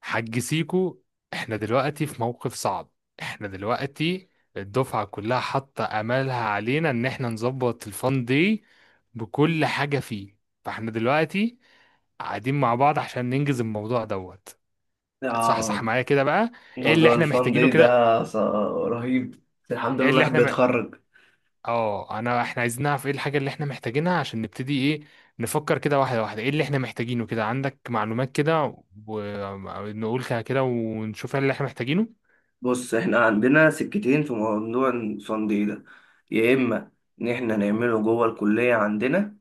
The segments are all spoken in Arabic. حاج سيكو، احنا دلوقتي في موقف صعب. احنا دلوقتي الدفعة كلها حاطة امالها علينا ان احنا نظبط الفان دي بكل حاجة فيه. فاحنا دلوقتي قاعدين مع بعض عشان ننجز الموضوع دوت. صح اه. صح معايا كده بقى؟ ايه اللي موضوع احنا الفان محتاجينه دي كده؟ ده رهيب. بس الحمد ايه لله اللي الواحد احنا م... بيتخرج. اه انا احنا عايزين نعرف ايه الحاجة اللي احنا محتاجينها عشان نبتدي. ايه، نفكر كده واحدة واحدة، ايه اللي احنا محتاجينه كده؟ عندك معلومات كده ونقول كده كده ونشوف ايه اللي احنا محتاجينه. بص، احنا عندنا سكتين في موضوع الفان دي ده. يا اما ان احنا نعمله جوه الكلية عندنا،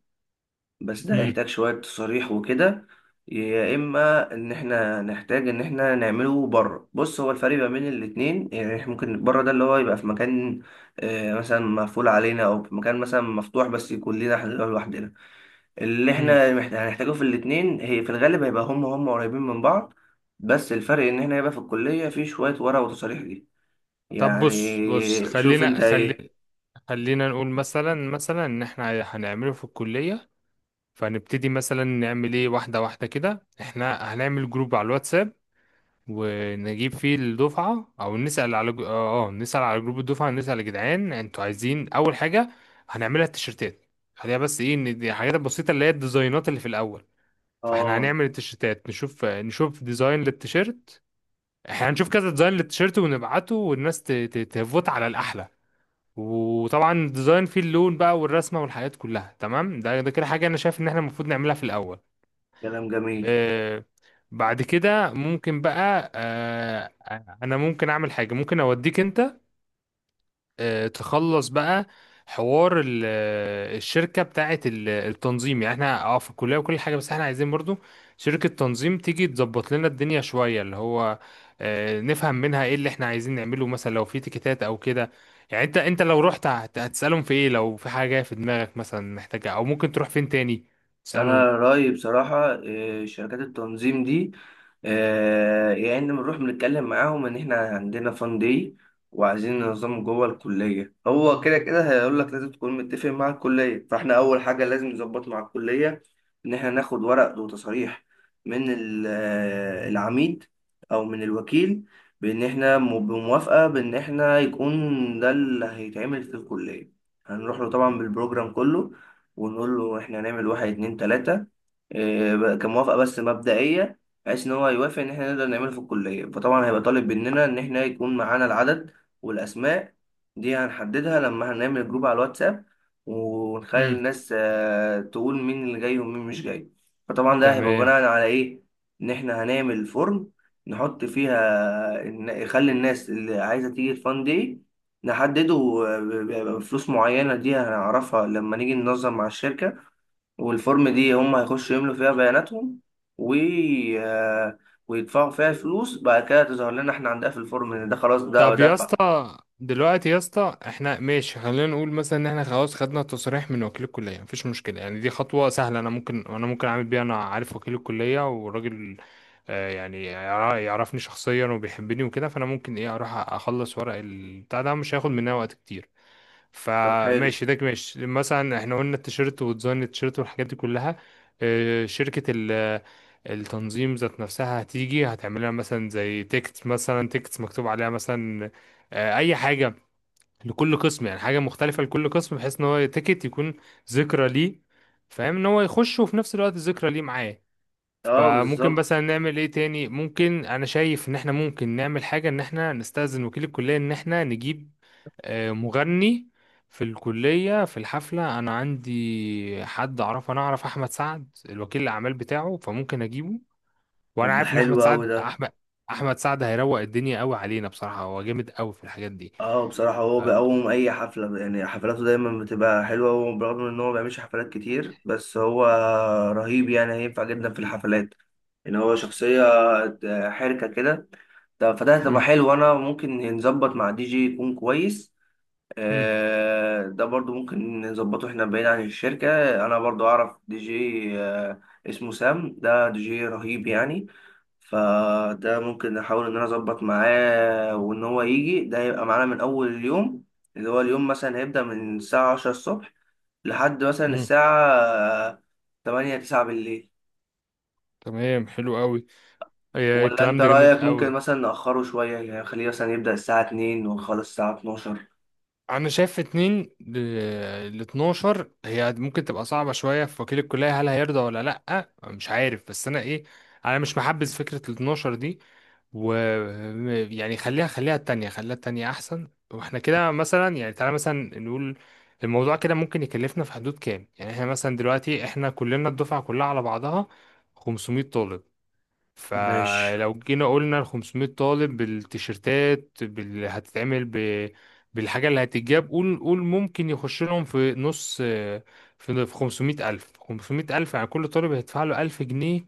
بس ده مم. هيحتاج شوية تصاريح وكده، يا اما ان احنا نحتاج ان احنا نعمله بره. بص، هو الفرق ما بين الاتنين يعني احنا ممكن بره ده اللي هو يبقى في مكان مثلا مقفول علينا، او في مكان مثلا مفتوح بس يكون لنا احنا لوحدنا. اللي مم. احنا هنحتاجه في الاتنين، هي في الغالب هيبقى هم قريبين من بعض. بس الفرق ان احنا هيبقى في الكلية في شوية ورق وتصاريح دي. طب بص بص، يعني شوف انت ايه. خلينا نقول مثلا ان احنا هنعمله في الكلية. فهنبتدي مثلا نعمل ايه واحدة واحدة. كده احنا هنعمل جروب على الواتساب ونجيب فيه الدفعة، او نسأل على نسأل على جروب الدفعة، نسأل يا جدعان انتوا عايزين اول حاجة هنعملها التيشيرتات. خليها بس ايه، ان دي الحاجات البسيطة اللي هي الديزاينات اللي في الاول. فاحنا اه، هنعمل التيشيرتات، نشوف ديزاين للتيشيرت. احنا هنشوف كذا ديزاين للتيشيرت ونبعته، والناس تفوت على الاحلى. وطبعا ديزاين فيه اللون بقى والرسمه والحاجات كلها تمام. ده كده حاجه انا شايف ان احنا المفروض نعملها في الاول. كلام جميل. آه. بعد كده ممكن بقى، انا ممكن اعمل حاجه، ممكن اوديك انت تخلص بقى حوار الشركة بتاعة التنظيم. يعني احنا اه في الكلية وكل حاجة، بس احنا عايزين برضو شركة تنظيم تيجي تظبط لنا الدنيا شوية، اللي هو نفهم منها ايه اللي احنا عايزين نعمله، مثلا لو في تيكيتات او كده. يعني انت لو رحت هتسألهم في ايه لو في حاجة في دماغك مثلا محتاجة، او ممكن تروح فين تاني انا تسألهم. رايي بصراحه، شركات التنظيم دي، يا ان بنروح بنتكلم معاهم ان احنا عندنا فان داي وعايزين ننظمه جوه الكليه. هو كده كده هيقول لك لازم تكون متفق مع الكليه، فاحنا اول حاجه لازم نظبط مع الكليه ان احنا ناخد ورق وتصريح من العميد او من الوكيل، بان احنا بموافقه، بان احنا يكون ده اللي هيتعمل في الكليه. هنروح له طبعا بالبروجرام كله، ونقول له احنا هنعمل واحد اتنين تلاتة، بقى كموافقة بس مبدئية، بحيث ان هو يوافق ان احنا نقدر نعمله في الكلية. فطبعا هيبقى طالب مننا ان احنا يكون معانا العدد والاسماء. دي هنحددها لما هنعمل جروب على الواتساب، ونخلي امم. الناس تقول مين اللي جاي ومين مش جاي. فطبعا ده هيبقى تمام. بناء على ايه؟ ان احنا هنعمل فورم نحط فيها يخلي الناس اللي عايزة تيجي الفان دي نحدده، بفلوس معينة دي هنعرفها لما نيجي ننظم مع الشركة. والفورم دي هم هيخشوا يملوا فيها بياناتهم و آه، ويدفعوا فيها فلوس. بعد كده تظهر لنا احنا عندنا في الفورم ان ده خلاص ده طب يا دفع. اسطى دلوقتي يا اسطى، احنا ماشي، خلينا نقول مثلا ان احنا خلاص خدنا التصريح من وكيل الكليه، مفيش مشكله، يعني دي خطوه سهله، انا ممكن، انا ممكن اعمل بيها، انا عارف وكيل الكليه وراجل آه يعني يعرفني شخصيا وبيحبني وكده. فانا ممكن ايه اروح اخلص ورق البتاع ده، مش هياخد مننا وقت كتير. طب حلو. فماشي ده ماشي. مثلا احنا قلنا التيشيرت وديزاين التيشيرت والحاجات دي كلها. شركة التنظيم ذات نفسها هتيجي هتعمل لها مثلا زي تيكت، مثلا تيكت مكتوب عليها مثلا اي حاجة لكل قسم، يعني حاجة مختلفة لكل قسم، بحيث ان هو تيكت يكون ذكرى ليه، فاهم، ان هو يخش وفي نفس الوقت ذكرى ليه معاه. اه، فممكن بالظبط. مثلا نعمل ايه تاني، ممكن، انا شايف ان احنا ممكن نعمل حاجة ان احنا نستأذن وكيل الكلية ان احنا نجيب مغني في الكلية في الحفلة. أنا عندي حد أعرفه، أنا أعرف أحمد سعد الوكيل الأعمال بتاعه، فممكن أجيبه. طب وأنا ده عارف إن حلو اوي ده. أحمد سعد هيروق الدنيا قوي علينا. بصراحة هو جامد قوي في الحاجات دي. اه، بصراحة هو ف... بيقوم أي حفلة. يعني حفلاته دايما بتبقى حلوة، وبرغم إن هو ما بيعملش حفلات كتير بس هو رهيب. يعني هينفع جدا في الحفلات، إن هو شخصية حركة كده. فده هتبقى مم. حلو. أنا ممكن نظبط مع دي جي يكون كويس. مم. ده برضو ممكن نظبطه احنا بعيد عن الشركة. انا برضو اعرف دي جي، اسمه سام. ده دي جي رهيب يعني. فده ممكن نحاول ان انا اظبط معاه وان هو يجي. ده يبقى معانا من اول اليوم، اللي هو اليوم مثلا هيبدأ من الساعة 10 الصبح لحد مثلا مم. الساعة آه، تمانية تسعة بالليل. تمام، حلو قوي. ولا الكلام انت ده جامد رأيك ممكن قوي. مثلا نأخره شوية؟ يعني خليه مثلا يبدأ الساعة 2 ونخلص الساعة 12. انا شايف اتنين ل 12 هي ممكن تبقى صعبة شوية، في وكيل الكلية هل هيرضى ولا لأ، مش عارف، بس انا ايه، انا مش محبذ فكرة ال 12 دي. و يعني خليها، خليها التانية احسن. واحنا كده مثلا يعني تعالى مثلا نقول الموضوع كده ممكن يكلفنا في حدود كام. يعني احنا مثلا دلوقتي احنا كلنا الدفعة كلها على بعضها 500 طالب. ماشي. فلو جينا قلنا ال 500 طالب بالتيشيرتات بالحاجة اللي هتتجاب، قول ممكن يخش لهم في نص، في 500 ألف، 500 ألف، يعني كل طالب هيدفع له 1000 جنيه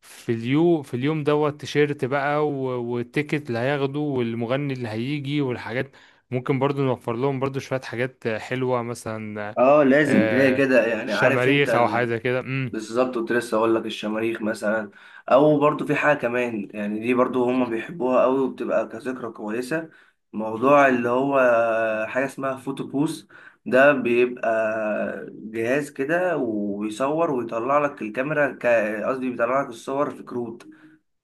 في اليوم، في اليوم دوت، تيشيرت بقى والتيكت اللي هياخده والمغني اللي هيجي والحاجات. ممكن برضو نوفر لهم برضو شوية حاجات حلوة مثلا اه، لازم كده آه، كده يعني، عارف شماريخ انت. أو حاجة كده. امم. بالظبط، كنت لسه اقول لك الشماريخ مثلا، او برضو في حاجه كمان يعني دي برضو هما بيحبوها قوي وبتبقى كذكرى كويسه. موضوع اللي هو حاجه اسمها فوتو بوس. ده بيبقى جهاز كده ويصور ويطلع لك الكاميرا، قصدي بيطلع لك الصور في كروت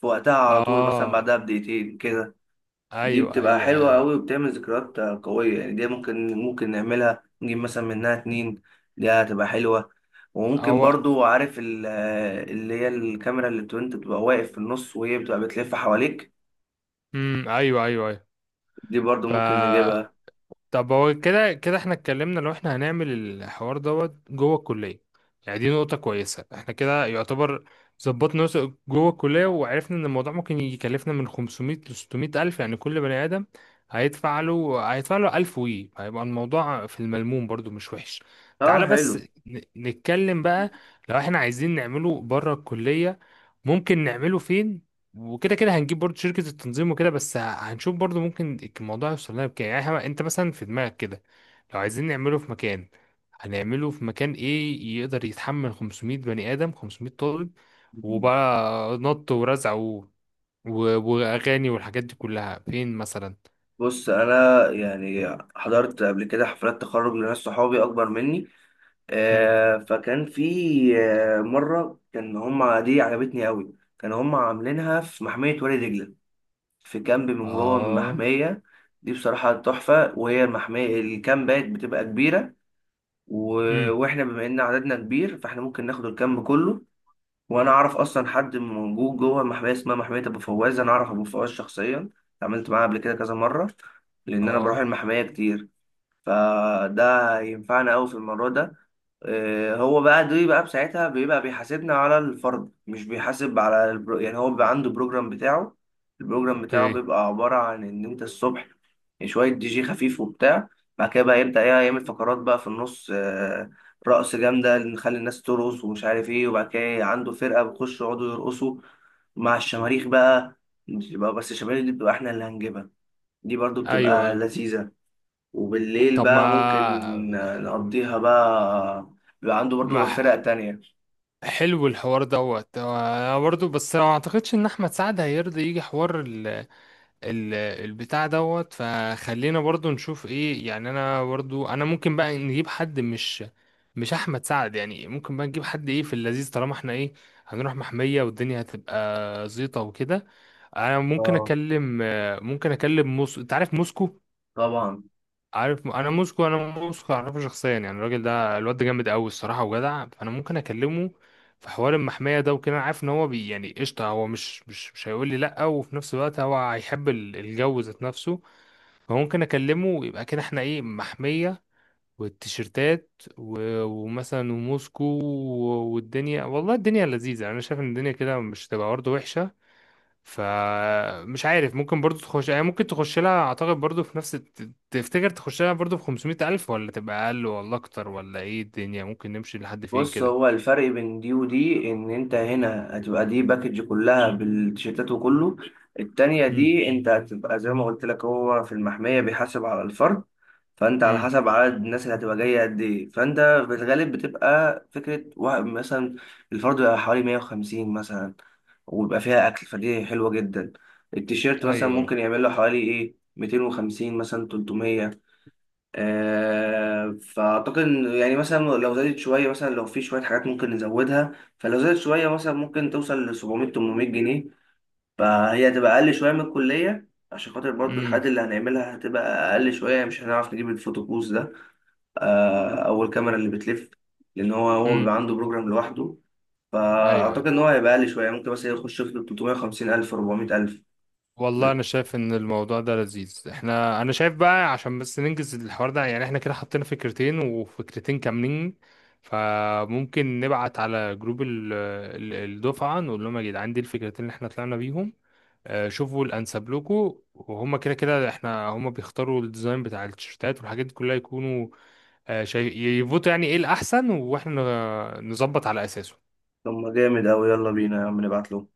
في وقتها على طول، مثلا اه، بعدها بدقيقتين كده. دي ايوه بتبقى ايوه حلوة أيوة. أوي وبتعمل ذكريات قوية. يعني دي ممكن نعملها، نجيب مثلا منها اتنين. دي هتبقى حلوة. وممكن هو. برضو، عارف اللي هي الكاميرا، اللي بتبقى انت بتبقى واقف في النص وهي بتبقى بتلف حواليك. امم، ايوه ايوه ايوه. دي برضو ف ممكن نجيبها. طب هو كده كده احنا اتكلمنا لو احنا هنعمل الحوار دوت جوه الكليه، يعني دي نقطه كويسه، احنا كده يعتبر ظبطنا نفسه جوه الكليه، وعرفنا ان الموضوع ممكن يكلفنا من 500 ل 600 الف، يعني كل بني ادم هيدفع له 1000، وي هيبقى الموضوع في الملموم برضو مش وحش. اه، تعالى بس حلو. نتكلم بقى لو احنا عايزين نعمله بره الكليه، ممكن نعمله فين؟ وكده كده هنجيب برضو شركة التنظيم وكده، بس هنشوف برضو ممكن الموضوع يوصل لنا بكام. يعني انت مثلا في دماغك كده لو عايزين نعمله في مكان، هنعمله في مكان ايه يقدر يتحمل 500 بني آدم، 500 طالب، وبقى نط ورزع و... واغاني والحاجات دي كلها فين مثلا؟ بص، انا يعني حضرت قبل كده حفلات تخرج لناس صحابي اكبر مني. مم. فكان في مرة، كان هما دي عجبتني أوي. كانوا هما عاملينها في محمية وادي دجلة، في كامب من جوه اه. المحمية. دي بصراحة تحفة. وهي المحمية الكامبات بتبقى كبيرة. و... امم. واحنا بما ان عددنا كبير، فاحنا ممكن ناخد الكامب كله. وانا اعرف اصلا حد موجود جوه المحمية اسمها محمية ابو فواز. انا اعرف ابو فواز شخصيا، اتعاملت معاه قبل كده كذا مرة، لان انا بروح اه. المحمية كتير. فده ينفعنا قوي في الموضوع ده. هو بقى دي بقى بساعتها بيبقى بيحاسبنا على الفرد، مش بيحاسب على يعني هو بيبقى عنده بروجرام بتاعه. البروجرام بتاعه اوكي. بيبقى عبارة عن إن أنت الصبح شوية دي جي خفيف وبتاع. بعد كده بقى يبدأ، يعمل فقرات بقى في النص. رقص جامدة نخلي الناس ترقص ومش عارف إيه. وبعد كده عنده فرقة بتخش يقعدوا يرقصوا مع الشماريخ بقى. بس الشماريخ دي بتبقى إحنا اللي هنجيبها. دي برضو ايوه بتبقى ايوه. لذيذة. وبالليل طب ما. بقى ممكن نقضيها بقى. بيبقى عنده برضو ما فرق تانية. حلو الحوار دوت. هو انا برضو بس ما اعتقدش ان احمد سعد هيرضى يجي حوار ال ال البتاع دوت. فخلينا برضو نشوف ايه، يعني انا برضو، انا ممكن بقى نجيب حد، مش احمد سعد، يعني ممكن بقى نجيب حد ايه في اللذيذ طالما احنا ايه هنروح محمية، والدنيا هتبقى زيطة وكده. انا ممكن اه، اكلم ممكن اكلم موسكو، انت عارف موسكو؟ طبعا. عارف انا موسكو اعرفه شخصيا، يعني الراجل ده الواد ده جامد قوي الصراحه وجدع، فانا ممكن اكلمه في حوار المحميه ده وكده. انا عارف ان هو بي يعني قشطه، هو مش هيقول لي لا. وفي نفس الوقت هو هيحب الجو ذات نفسه. فممكن اكلمه ويبقى كده احنا ايه، محميه والتيشيرتات ومثلا وموسكو والدنيا، والله الدنيا لذيذه. انا شايف ان الدنيا كده مش تبقى برضه وحشه. فمش عارف ممكن برضو تخش، يعني ممكن تخش لها، اعتقد برضو في نفس تفتكر تخش لها برضو في 500 الف، ولا تبقى اقل ولا اكتر، ولا ايه الدنيا ممكن نمشي لحد فين بص، كده؟ هو الفرق بين دي ودي ان انت هنا هتبقى دي باكج كلها بالتيشيرتات وكله. التانية امم. دي انت هتبقى زي ما قلت لك، هو في المحمية بيحاسب على الفرد. فانت على امم. حسب عدد الناس اللي هتبقى جاية قد ايه. فانت في الغالب بتبقى فكرة واحد مثلا، الفرد بيبقى حوالي 150 مثلا، ويبقى فيها اكل، فدي حلوة جدا. التيشيرت مثلا ايوه. ممكن يعمل له حوالي ايه 250 مثلا 300. فأعتقد إن يعني مثلا لو زادت شوية، مثلا لو في شوية حاجات ممكن نزودها. فلو زادت شوية مثلا ممكن توصل ل 700 800 جنيه. فهي هتبقى أقل شوية من الكلية، عشان خاطر برضو الحاجات امم. اللي هنعملها هتبقى أقل شوية. مش هنعرف نجيب الفوتوكوز ده، أو الكاميرا اللي بتلف، لأن هو بيبقى امم. عنده بروجرام لوحده. فأعتقد ايوه. إن هو هيبقى أقل شوية، ممكن مثلا يخش في 350 ألف 400 ألف. والله انا شايف ان الموضوع ده لذيذ. احنا، انا شايف بقى عشان بس ننجز الحوار ده، يعني احنا كده حطينا فكرتين، وفكرتين كاملين. فممكن نبعت على جروب الدفعة، نقول لهم يا جدعان دي الفكرتين اللي احنا طلعنا بيهم. شوفوا الانسب لكم، وهم كده كده احنا هم بيختاروا الديزاين بتاع التيشيرتات والحاجات دي كلها، يكونوا شايف يفوتوا يعني ايه الاحسن، واحنا نظبط على اساسه. طب ما جامد أوي، يلا بينا يا عم، نبعت له.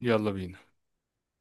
يلا بينا.